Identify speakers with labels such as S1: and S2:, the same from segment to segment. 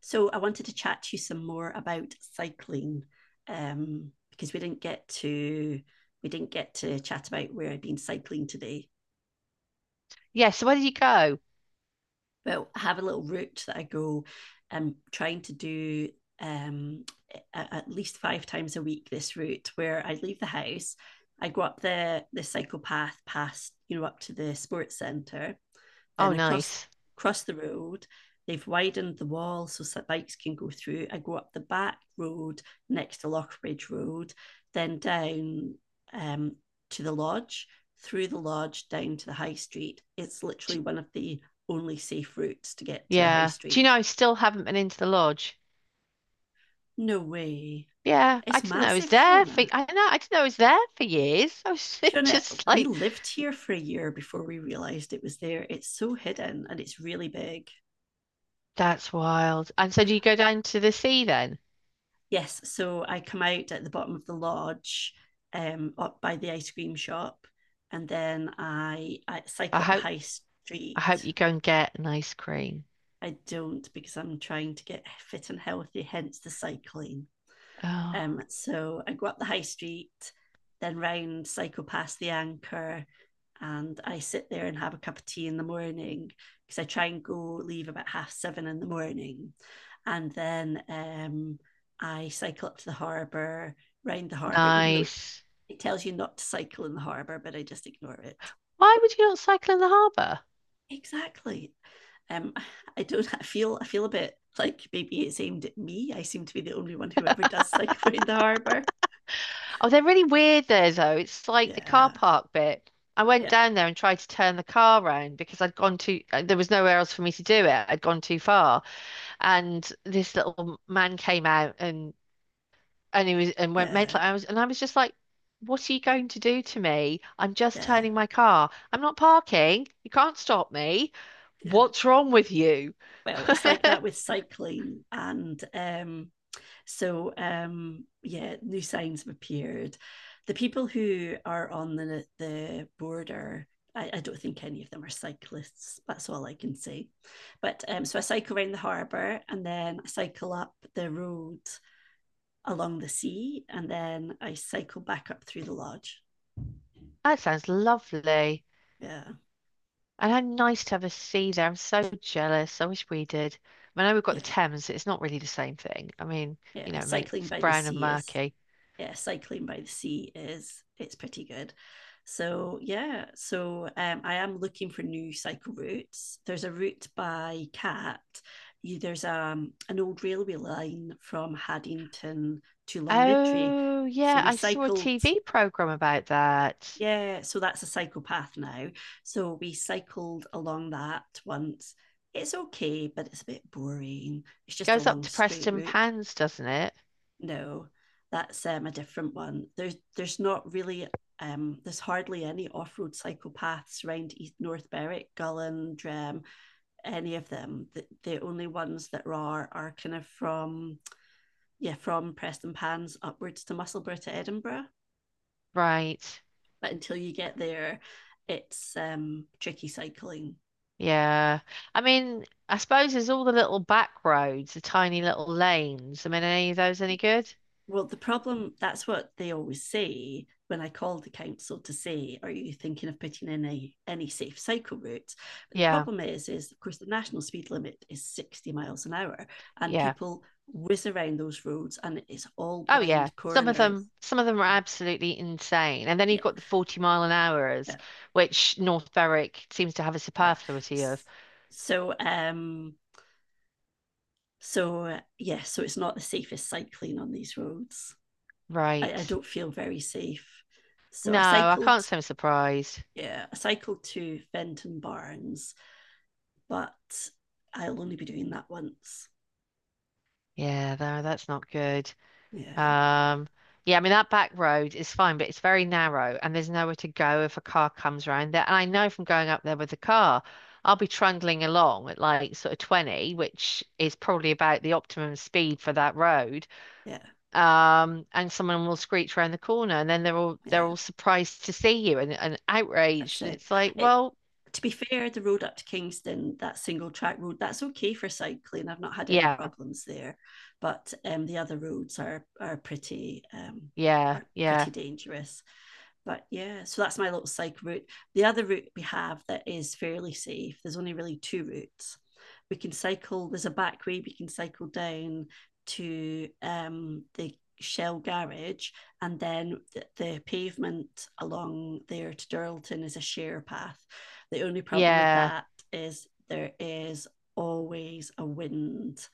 S1: So I wanted to chat to you some more about cycling because we didn't get to chat about where I've been cycling today.
S2: Yeah, so where did you go?
S1: But I have a little route that I go. I'm trying to do um, at least five times a week this route where I leave the house. I go up the cycle path past up to the sports centre.
S2: Oh,
S1: Then across
S2: nice.
S1: across the road, they've widened the wall so bikes can go through. I go up the back road next to Lockbridge Road, then down, um, to the lodge, through the lodge down to the high street. It's
S2: D
S1: literally one of the only safe routes to get to the high
S2: yeah. Do you know
S1: street.
S2: I still haven't been into the lodge?
S1: No way.
S2: Yeah, I
S1: It's
S2: didn't know it was
S1: massive,
S2: there for
S1: Fiona.
S2: I know I didn't know it was there for years. I was
S1: Fiona,
S2: just
S1: we
S2: like,
S1: lived here for a year before we realised it was there. It's so hidden and it's really big.
S2: that's wild. And so do you go down to the sea then?
S1: Yes, so I come out at the bottom of the lodge, up by the ice cream shop, and then I
S2: I
S1: cycle up the
S2: hope
S1: high
S2: I hope
S1: street.
S2: you go and get an ice cream.
S1: I don't because I'm trying to get fit and healthy, hence the cycling.
S2: Oh,
S1: So I go up the high street, then round, cycle past the anchor, and I sit there and have a cup of tea in the morning because I try and go leave about half seven in the morning. And then I cycle up to the harbour, round the harbour, even though
S2: nice.
S1: it tells you not to cycle in the harbour, but I just ignore it.
S2: Why would you not cycle in the harbour?
S1: Exactly. Um, I don't, I feel a bit like maybe it's aimed at me. I seem to be the only one who ever does cycle around the harbour.
S2: Oh, they're really weird there though. It's like the car
S1: Yeah,
S2: park bit. I went
S1: yeah,
S2: down there and tried to turn the car round because there was nowhere else for me to do it. I'd gone too far. And this little man came out and he was and went
S1: yeah,
S2: mental. I was just like, "What are you going to do to me? I'm just
S1: yeah,
S2: turning my car. I'm not parking. You can't stop me.
S1: yeah.
S2: What's wrong with you?"
S1: Well, it's like that with cycling and yeah, new signs have appeared. The people who are on the border, I don't think any of them are cyclists. That's all I can say. But so I cycle around the harbour and then I cycle up the road along the sea and then I cycle back up through the lodge.
S2: That sounds lovely.
S1: Yeah,
S2: And how nice to have a sea there. I'm so jealous. I wish we did. I mean, I know we've got
S1: yeah,
S2: the Thames. It's not really the same thing. I mean,
S1: yeah.
S2: I mean,
S1: Cycling
S2: it's
S1: by the
S2: brown and
S1: sea is
S2: murky.
S1: Yeah, cycling by the sea is, it's pretty good. So yeah, so I am looking for new cycle routes. There's a route by Cat. There's an old railway line from Haddington to Longniddry.
S2: Oh,
S1: So
S2: yeah,
S1: we
S2: I saw a
S1: cycled.
S2: TV program about that.
S1: Yeah, so that's a cycle path now. So we cycled along that once. It's okay, but it's a bit boring. It's just a
S2: Goes up
S1: long
S2: to
S1: straight
S2: Preston
S1: route.
S2: Pans, doesn't it?
S1: No, that's a different one. There's not really, there's hardly any off-road psychopaths around East North Berwick, Gulland, any of them. The only ones that are kind of from, yeah, from Preston Pans upwards to Musselburgh to Edinburgh.
S2: Right.
S1: But until you get there, it's tricky cycling.
S2: Yeah. I mean, I suppose there's all the little back roads, the tiny little lanes. I mean, are any of those any good?
S1: Well, the problem, that's what they always say when I called the council to say, are you thinking of putting in a, any safe cycle route?" But the
S2: Yeah.
S1: problem is of course, the national speed limit is 60 miles an hour and
S2: Yeah.
S1: people whiz around those roads and it's all
S2: Oh yeah.
S1: blind corners.
S2: Some of them are absolutely insane. And then you've
S1: Yeah,
S2: got the 40-mile an hours,
S1: yeah,
S2: which North Berwick seems to have a
S1: yeah.
S2: superfluity of.
S1: So, um, yeah, so it's not the safest cycling on these roads. I,
S2: Right.
S1: I don't feel very safe. So
S2: No,
S1: I
S2: I
S1: cycled
S2: can't say I'm surprised.
S1: Yeah, I cycled to Fenton Barnes, but I'll only be doing that once.
S2: Yeah, no, that's not good.
S1: Yeah,
S2: Um, yeah, I mean that back road is fine, but it's very narrow and there's nowhere to go if a car comes around there. And I know from going up there with the car, I'll be trundling along at like sort of 20, which is probably about the optimum speed for that road.
S1: yeah,
S2: And someone will screech around the corner and then they're all they're
S1: yeah.
S2: all surprised to see you and,
S1: That's
S2: outraged. And
S1: it.
S2: it's like,
S1: It
S2: well,
S1: to be fair, the road up to Kingston, that single track road, that's okay for cycling. I've not had any
S2: yeah,
S1: problems there, but the other roads are pretty,
S2: yeah,
S1: are
S2: yeah,
S1: pretty dangerous. But yeah, so that's my little cycle route. The other route we have that is fairly safe, there's only really two routes. We can cycle, there's a back way we can cycle down to, the Shell garage, and then the pavement along there to Durlton is a share path. The only problem with
S2: yeah,
S1: that is there is always a wind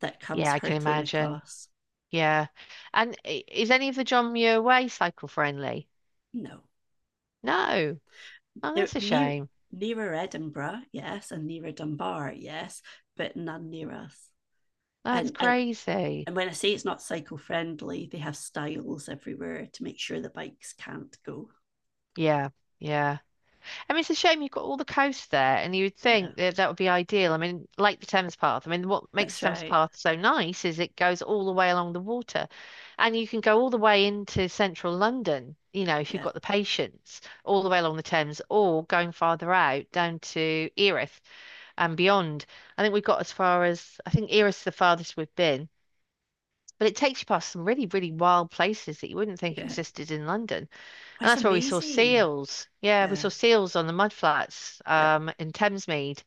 S1: that comes
S2: yeah, I can
S1: hurtling
S2: imagine.
S1: across.
S2: Yeah. And is any of the John Muir Way cycle friendly?
S1: No.
S2: No. Oh,
S1: There,
S2: that's a
S1: near,
S2: shame.
S1: nearer Edinburgh, yes, and nearer Dunbar, yes, but none near us.
S2: That's
S1: And
S2: crazy.
S1: and when I say it's not cycle friendly, they have stiles everywhere to make sure the bikes can't go.
S2: Yeah, yeah. I mean, it's a shame you've got all the coast there, and you would
S1: Yeah,
S2: think that that would be ideal. I mean, like the Thames Path. I mean, what makes
S1: that's
S2: the Thames
S1: right.
S2: Path so nice is it goes all the way along the water, and you can go all the way into central London, if you've
S1: Yeah,
S2: got the patience, all the way along the Thames, or going farther out down to Erith and beyond. I think we got as far as, I think Erith's the farthest we've been. But it takes you past some really, really wild places that you wouldn't think
S1: yeah.
S2: existed in London.
S1: Oh,
S2: And
S1: it's
S2: that's where we saw
S1: amazing.
S2: seals. Yeah, we saw
S1: Yeah,
S2: seals on the mudflats
S1: yeah.
S2: in Thamesmead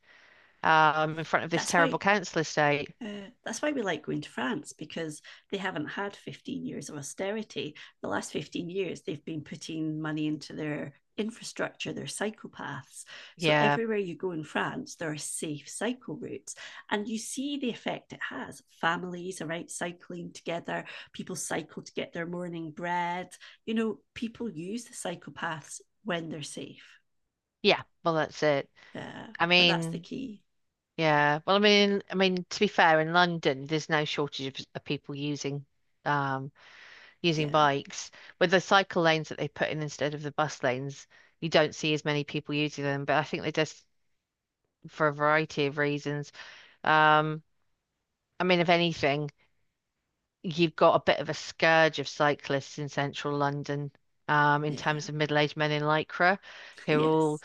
S2: in front of this
S1: That's
S2: terrible
S1: why
S2: council estate.
S1: That's why we like going to France because they haven't had 15 years of austerity. The last 15 years, they've been putting money into their infrastructure, their cycle paths. So
S2: Yeah,
S1: everywhere you go in France, there are safe cycle routes. And you see the effect it has. Families are out cycling together, people cycle to get their morning bread. You know, people use the cycle paths when they're safe.
S2: yeah, well, that's it.
S1: Yeah.
S2: I
S1: But that's the
S2: mean,
S1: key.
S2: yeah, well, I mean, to be fair, in London, there's no shortage of, people using um, using
S1: Yeah.
S2: bikes. With the cycle lanes that they put in instead of the bus lanes, you don't see as many people using them. But I think they just, for a variety of reasons, Um, I mean, if anything, you've got a bit of a scourge of cyclists in central London, in
S1: Yeah.
S2: terms of middle-aged men in lycra who all
S1: Yes.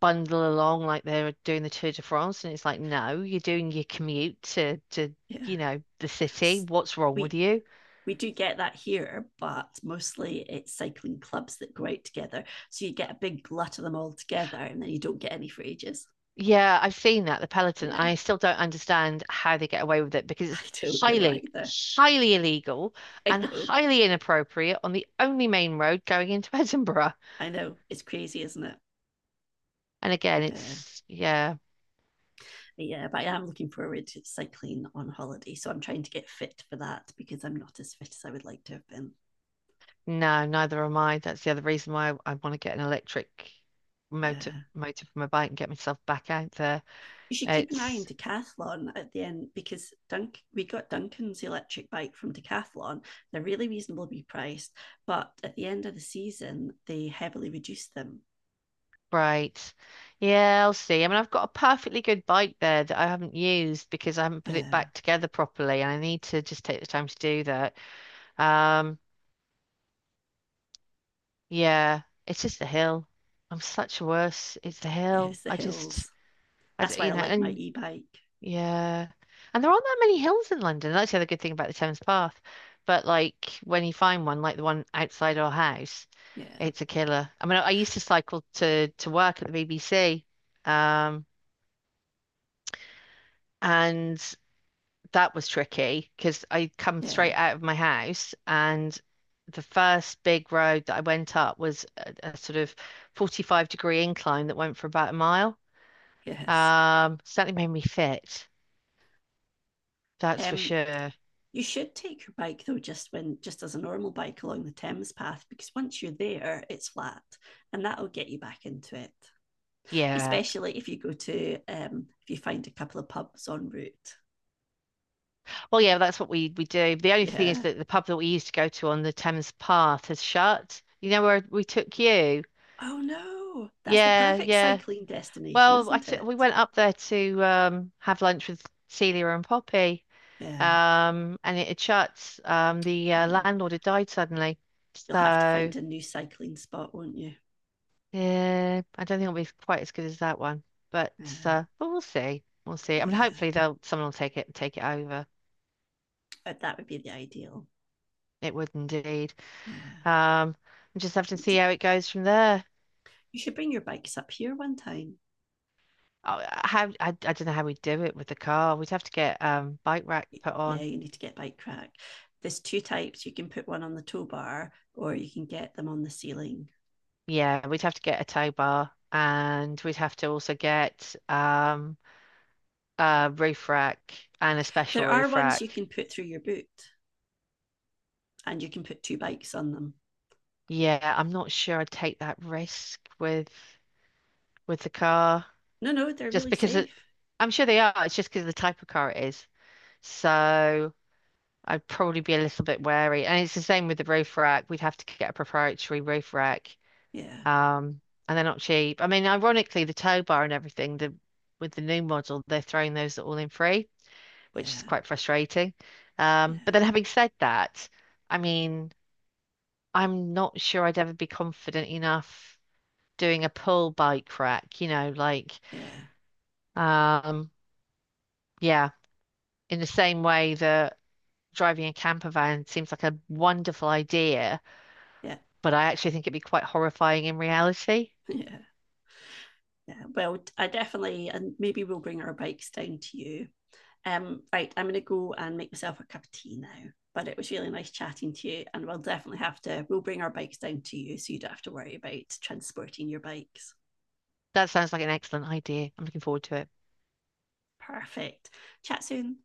S2: bundle along like they're doing the Tour de France, and it's like, no, you're doing your commute to
S1: Yeah.
S2: the city. What's wrong with
S1: we
S2: you?
S1: We do get that here, but mostly it's cycling clubs that go out together. So you get a big glut of them all together and then you don't get any for ages.
S2: Yeah, I've seen that, the Peloton.
S1: Yeah,
S2: I still don't understand how they get away with it because
S1: I
S2: it's
S1: don't know
S2: highly,
S1: either.
S2: highly illegal
S1: I
S2: and
S1: know,
S2: highly inappropriate on the only main road going into Edinburgh.
S1: I know. It's crazy, isn't it?
S2: And again,
S1: Yeah,
S2: it's yeah.
S1: yeah, but I am looking forward to cycling on holiday. So I'm trying to get fit for that because I'm not as fit as I would like to have been.
S2: No, neither am I. That's the other reason why I want to get an electric motor
S1: Yeah.
S2: motor for my bike and get myself back out there.
S1: You should keep an eye on
S2: It's
S1: Decathlon at the end because Dunk we got Duncan's electric bike from Decathlon. They're really reasonably priced, but at the end of the season they heavily reduced them.
S2: great. Yeah, I'll see. I mean, I've got a perfectly good bike there that I haven't used because I haven't put it
S1: Yeah,
S2: back together properly, and I need to just take the time to do that. Um, yeah, it's just the hill. I'm such a worse. It's the hill.
S1: yes, the
S2: I just,
S1: hills.
S2: I,
S1: That's
S2: d-
S1: why
S2: you
S1: I
S2: know,
S1: like my
S2: and
S1: e-bike.
S2: Yeah. And there aren't that many hills in London. That's the other good thing about the Thames Path. But like when you find one, like the one outside our house,
S1: Yeah,
S2: it's a killer. I mean, I used to cycle to work at the BBC. Um, and that was tricky because I'd come
S1: yeah,
S2: straight out of my house and the first big road that I went up was a sort of 45-degree incline that went for about a mile.
S1: yes.
S2: Certainly made me fit. That's for
S1: Um,
S2: sure.
S1: you should take your bike though, just as a normal bike along the Thames path, because once you're there, it's flat, and that'll get you back into it.
S2: Yeah.
S1: Especially if you go to, if you find a couple of pubs en route.
S2: Well, yeah, that's what we do. The only thing is
S1: Yeah.
S2: that the pub that we used to go to on the Thames Path has shut. You know where we took you?
S1: Oh no, that's the
S2: Yeah,
S1: perfect
S2: yeah.
S1: cycling destination,
S2: Well, I
S1: isn't
S2: t we
S1: it?
S2: went up there to have lunch with Celia and Poppy.
S1: Yeah.
S2: And it had shut. The
S1: Mm.
S2: landlord had died suddenly.
S1: You'll have to
S2: So,
S1: find a new cycling spot, won't you?
S2: yeah, I don't think it'll be quite as good as that one. But
S1: Yeah.
S2: but we'll see. We'll see. I mean
S1: Yeah.
S2: hopefully they'll someone will take it over.
S1: But that would be the ideal.
S2: It would indeed.
S1: Yeah.
S2: Um, we just have to
S1: You,
S2: see
S1: d-
S2: how it goes from there.
S1: you should bring your bikes up here one time.
S2: Oh, how I don't know how we would do it with the car. We'd have to get bike rack put
S1: Yeah,
S2: on.
S1: you need to get bike rack. There's two types. You can put one on the tow bar or you can get them on the ceiling.
S2: Yeah, we'd have to get a tow bar and we'd have to also get a roof rack and a
S1: There
S2: special
S1: are
S2: roof
S1: ones you
S2: rack.
S1: can put through your boot and you can put two bikes on them.
S2: Yeah, I'm not sure I'd take that risk with the car
S1: No, no, they're
S2: just
S1: really
S2: because it,
S1: safe.
S2: I'm sure they are. It's just because of the type of car it is. So I'd probably be a little bit wary. And it's the same with the roof rack. We'd have to get a proprietary roof rack.
S1: Yeah.
S2: Um, and they're not cheap. I mean, ironically, the tow bar and everything, the with the new model, they're throwing those all in free, which is
S1: Yeah.
S2: quite frustrating.
S1: Yeah.
S2: But then having said that, I mean, I'm not sure I'd ever be confident enough doing a pull bike rack, you know, like
S1: Yeah.
S2: um, yeah, in the same way that driving a camper van seems like a wonderful idea,
S1: Yeah.
S2: but I actually think it'd be quite horrifying in reality.
S1: Yeah, yeah. Well, I definitely, and maybe we'll bring our bikes down to you. Right, I'm going to go and make myself a cup of tea now. But it was really nice chatting to you, and we'll definitely have to. We'll bring our bikes down to you, so you don't have to worry about transporting your bikes.
S2: That sounds like an excellent idea. I'm looking forward to it.
S1: Perfect. Chat soon.